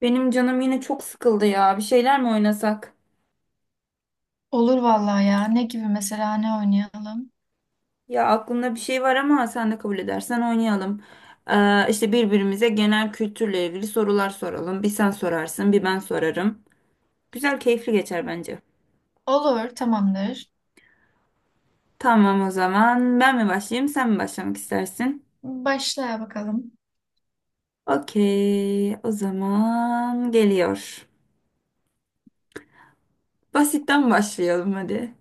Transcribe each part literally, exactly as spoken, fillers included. Benim canım yine çok sıkıldı ya. Bir şeyler mi oynasak? Olur vallahi ya. Ne gibi mesela ne oynayalım? Ya aklımda bir şey var ama sen de kabul edersen oynayalım. Ee, işte birbirimize genel kültürle ilgili sorular soralım. Bir sen sorarsın, bir ben sorarım. Güzel, keyifli geçer bence. Olur, tamamdır. Tamam o zaman. Ben mi başlayayım, sen mi başlamak istersin? Başla bakalım. Okey, o zaman geliyor. Basitten başlayalım hadi.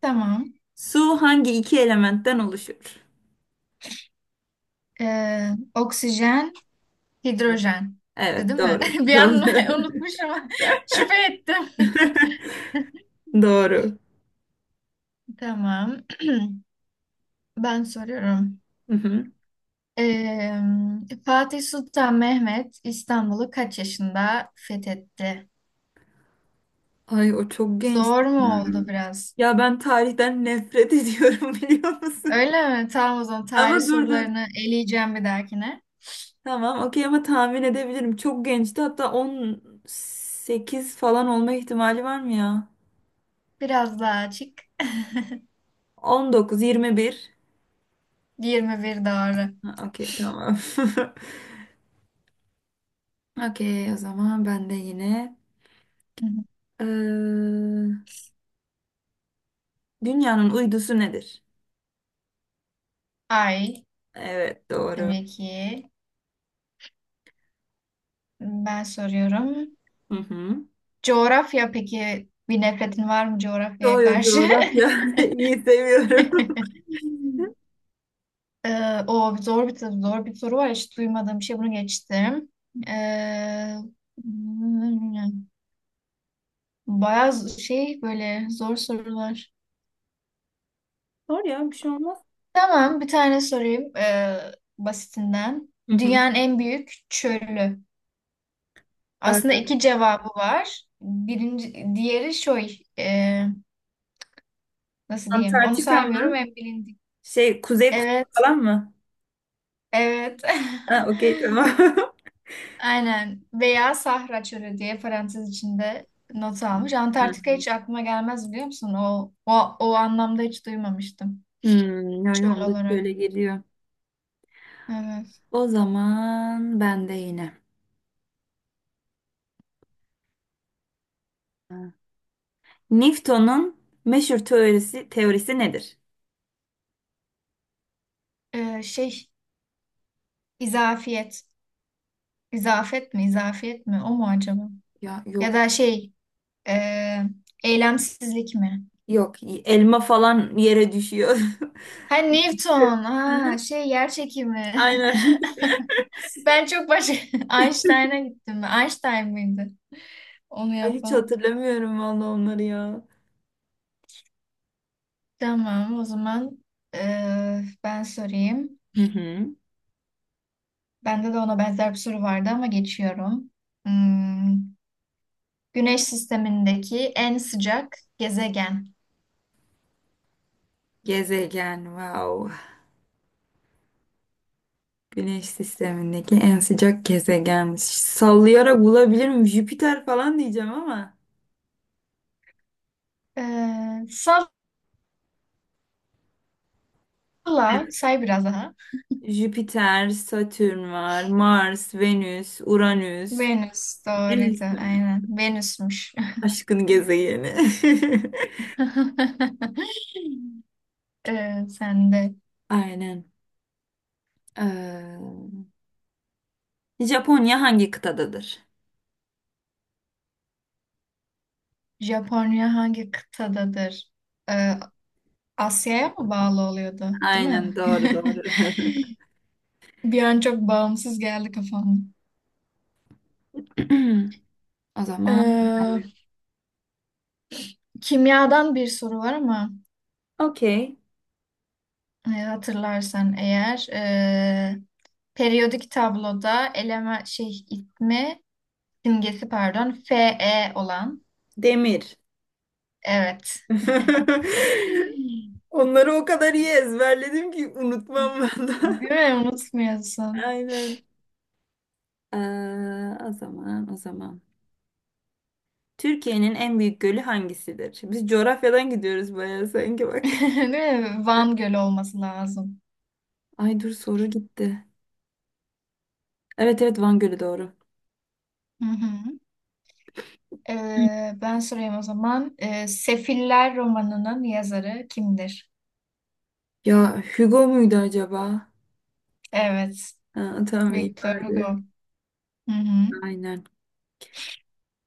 Tamam. Su hangi iki elementten oluşur? Ee, oksijen, hidrojen. Evet, Değil mi? doğru. Bir Doğru. an unutmuşum. Şüphe ettim. Doğru. Tamam. Ben soruyorum. Hı hı. Ee, Fatih Sultan Mehmet İstanbul'u kaç yaşında fethetti? Ay o çok genç. Zor mu Hmm. oldu biraz? Ya ben tarihten nefret ediyorum biliyor musun? Öyle mi? Tamam, o zaman tarih Ama dur dur. sorularını eleyeceğim bir dahakine. Tamam okey ama tahmin edebilirim. Çok gençti, hatta on sekiz falan olma ihtimali var mı ya? Biraz daha açık. on dokuz, yirmi bir. yirmi bir doğru. Ha, okey tamam. Okey, o zaman ben de yine. Hı hı. Ee, dünyanın uydusu nedir? Ay, Evet, doğru. tabii ki. Ben soruyorum. Hı hı. Coğrafya, peki bir nefretin var mı coğrafyaya karşı? Coğrafya. İyi, seviyorum. Hı. Ee, o zor bir zor bir soru var. Hiç duymadığım bir şey. Bunu geçtim. Ee, Bayağı z- şey, böyle zor sorular. Sor ya, bir şey olmaz. Tamam, bir tane sorayım ee, basitinden. Hı hı. Dünyanın en büyük çölü. Aslında Ee, iki cevabı var. Birinci, diğeri şey. Nasıl diyeyim? Onu Antarktika saymıyorum, mı? en bilindik. Şey, Kuzey Kutbu Evet, falan mı? evet. Ha, okey tamam. Aynen. Veya Sahra Çölü diye parantez içinde not almış. Hı. Antarktika hiç aklıma gelmez, biliyor musun? O, o, o anlamda hiç duymamıştım. Hmm, ya Çöl yolda olarak. şöyle geliyor. Evet. O zaman ben de yine. Ha. Newton'un meşhur teorisi teorisi nedir? Ee, şey, izafiyet. İzafet mi? İzafiyet mi? O mu acaba? Ya Ya yok. da şey, e, eylemsizlik mi? Yok, elma falan yere düşüyor. Ha, Newton. Ha şey, yer çekimi. Aynen. Ben çok başka Einstein'a gittim. Einstein mıydı onu Ay, hiç yapan? hatırlamıyorum valla onları ya. Tamam o zaman eee, ben sorayım. Hı hı. Bende de ona benzer bir soru vardı ama geçiyorum. Hmm, Güneş sistemindeki en sıcak gezegen. Gezegen, wow. Güneş sistemindeki en sıcak gezegenmiş. Sallayarak bulabilirim. Jüpiter falan diyeceğim ama. Eee Salla say biraz daha. Jüpiter, Satürn var, Mars, Venüs, Uranüs. Venüs doğruydu Venüs mü? aynen. Venüsmüş. Aşkın gezegeni. Eee sen de Aynen. Ee, Japonya hangi kıtadadır? Japonya hangi kıtadadır? Ee, Asya'ya mı bağlı oluyordu, değil Aynen, mi? doğru doğru. Bir an çok bağımsız geldi kafama. O zaman Ee, Kimyadan bir soru var ama okey. e, hatırlarsan eğer e, periyodik tabloda eleme şey itme simgesi pardon Fe olan Demir. evet. Onları o kadar iyi ezberledim ki unutmam ben de. Değil mi? Unutmuyorsun. Aynen. Ee, o zaman, o zaman. Türkiye'nin en büyük gölü hangisidir? Biz coğrafyadan gidiyoruz bayağı sanki bak. Değil mi? Van Gölü olması lazım. Ay dur, soru gitti. Evet evet, Van Gölü doğru. Hı hı. Ee, ben sorayım o zaman. Ee, Sefiller romanının yazarı kimdir? Ya Hugo muydu acaba? Evet. Ha, tamam, iyi Victor bari. Hugo. Hı hı. Aynen.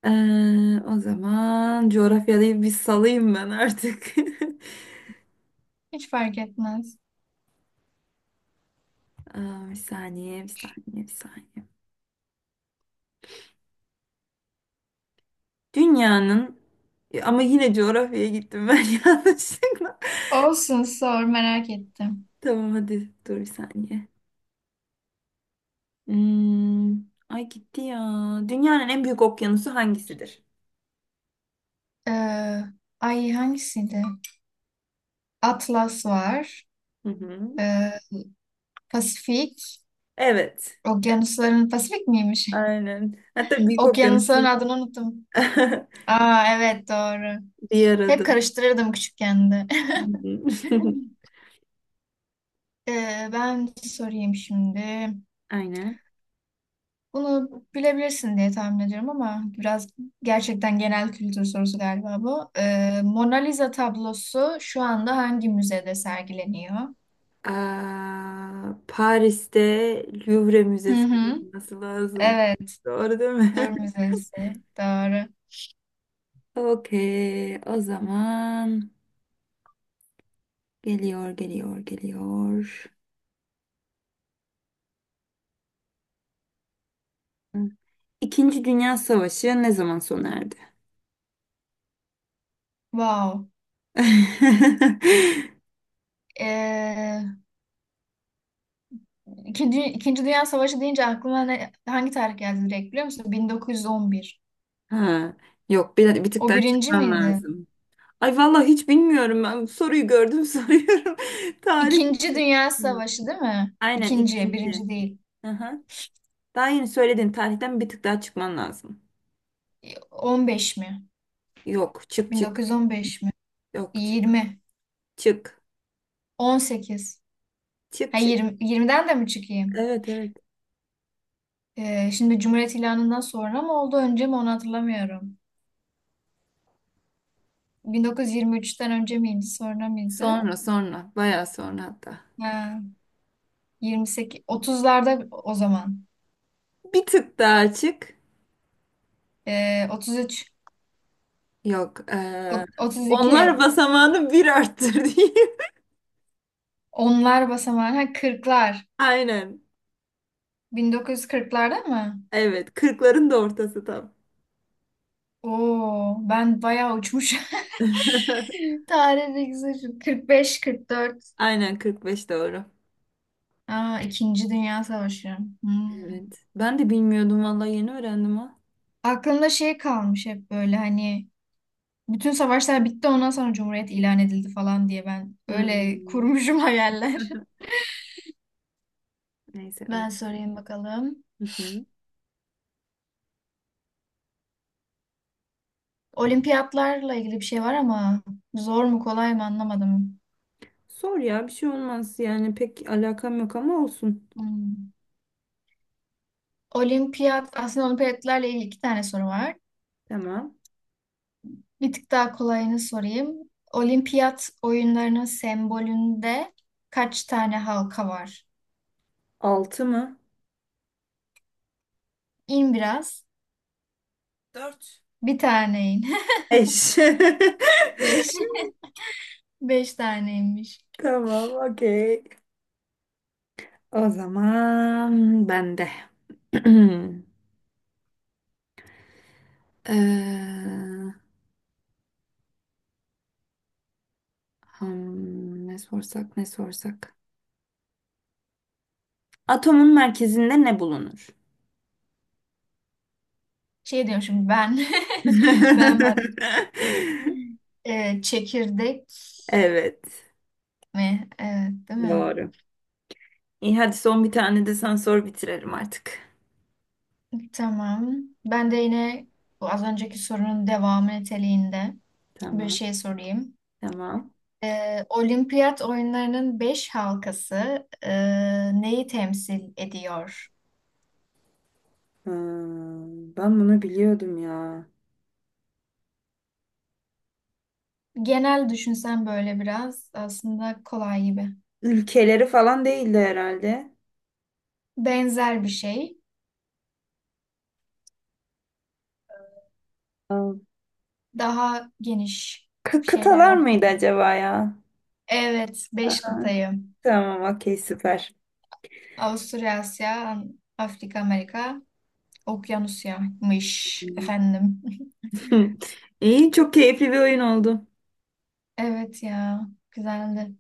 Ee, o zaman coğrafyayı bir salayım ben artık. Hiç fark etmez. Aa, bir saniye, bir saniye, bir saniye. Dünyanın e, ama yine coğrafyaya gittim ben yanlışlıkla. Olsun, sor, merak ettim. Tamam hadi, dur bir saniye. Hmm, ay gitti ya. Dünyanın en büyük okyanusu hangisidir? Ee, Ay, hangisiydi? Atlas var. Hı hı. Ee, Pasifik. Evet. Okyanusların Pasifik miymiş? Aynen. Hatta büyük Okyanusların okyanusun adını unuttum. Aa, evet, doğru. bir Hep arada. karıştırırdım küçükken de. Hı hı. Ee, ben sorayım şimdi. Aynen. Bunu bilebilirsin diye tahmin ediyorum ama biraz gerçekten genel kültür sorusu galiba bu. Ee, Mona Lisa tablosu şu anda hangi müzede sergileniyor? Aa, Paris'te Louvre Hı Müzesi hı. olması lazım. Evet, Doğru değil mi? Louvre Müzesi. Doğru. Okey, o zaman geliyor, geliyor, geliyor. İkinci Dünya Savaşı ne zaman sona erdi? Wow. Ee, İkinci, İkinci Dünya Savaşı deyince aklıma ne, hangi tarih geldi direkt biliyor musun? bin dokuz yüz on bir. Ha, yok, bir, bir tık O daha birinci çıkman miydi? lazım. Ay vallahi hiç bilmiyorum ben. Soruyu gördüm, soruyorum. Tarih. İkinci Dünya Hmm. Savaşı değil mi? Aynen, İkinci, ikinci. birinci değil. Aha. Daha yeni söylediğin tarihten bir tık daha çıkman lazım. on beş mi? Yok, çık çık. bin dokuz yüz on beş mi? Yok, çık. yirmi. Çık. on sekiz. Çık Ha, çık. yirmi yirmiden de mi çıkayım? Evet evet. Ee, şimdi Cumhuriyet ilanından sonra mı oldu önce mi onu hatırlamıyorum. bin dokuz yüz yirmi üçten önce miydi sonra mıydı? Sonra sonra. Bayağı sonra hatta. Ha, yirmi sekiz, otuzlarda o zaman. Bir tık daha açık. Ee, otuz üç, Yok. o- eee, onlar otuz iki, basamağını bir arttır diyeyim. onlar basamağı, ha, kırklar. Aynen. bin dokuz yüz kırklarda mı? Evet. Kırkların da ortası tam. Oo, ben bayağı uçmuş. Tarih bilgisi şu. kırk beş, kırk dört. Aynen, kırk beş doğru. Aa, İkinci Dünya Savaşı. Hmm. Evet. Ben de bilmiyordum vallahi, yeni öğrendim ha. Aklımda şey kalmış hep böyle, hani bütün savaşlar bitti ondan sonra Cumhuriyet ilan edildi falan diye ben öyle Hmm. kurmuşum hayaller. Neyse, Ben öyle. sorayım bakalım. Hı hı. Olimpiyatlarla ilgili bir şey var ama zor mu kolay mı anlamadım. Sor ya, bir şey olmaz yani, pek alakam yok ama olsun. Hmm. Olimpiyat, aslında olimpiyatlarla ilgili iki tane soru var. Tamam. Bir tık daha kolayını sorayım. Olimpiyat oyunlarının sembolünde kaç tane halka var? Altı mı? İn biraz. Dört. Bir tane in. Eş. Beş. Beş taneymiş. Tamam, okey. O zaman ben de. Ee, hmm, ne sorsak ne sorsak. Atomun merkezinde ne bulunur? Şey diyorum şimdi ben. Ben varım. Ee, çekirdek Evet. mi? Evet, değil mi? Doğru. İyi hadi, son bir tane de sen sor, bitirelim artık. Tamam. Ben de yine bu az önceki sorunun devamı niteliğinde bir Tamam. şey sorayım. Tamam. Ee, Olimpiyat oyunlarının beş halkası e, neyi temsil ediyor? Hmm, ben bunu biliyordum ya. Genel düşünsen böyle biraz aslında kolay gibi. Ülkeleri falan değildi herhalde. Benzer bir şey. Aa, Daha geniş kı- şeyler. Kıtalar mıydı acaba ya? Evet, beş Aa, kıtayı. tamam, okey, süper. Avusturya, Asya, Afrika, Amerika. Okyanusya'mış efendim. İyi, çok keyifli bir oyun oldu. Evet ya, güzeldi.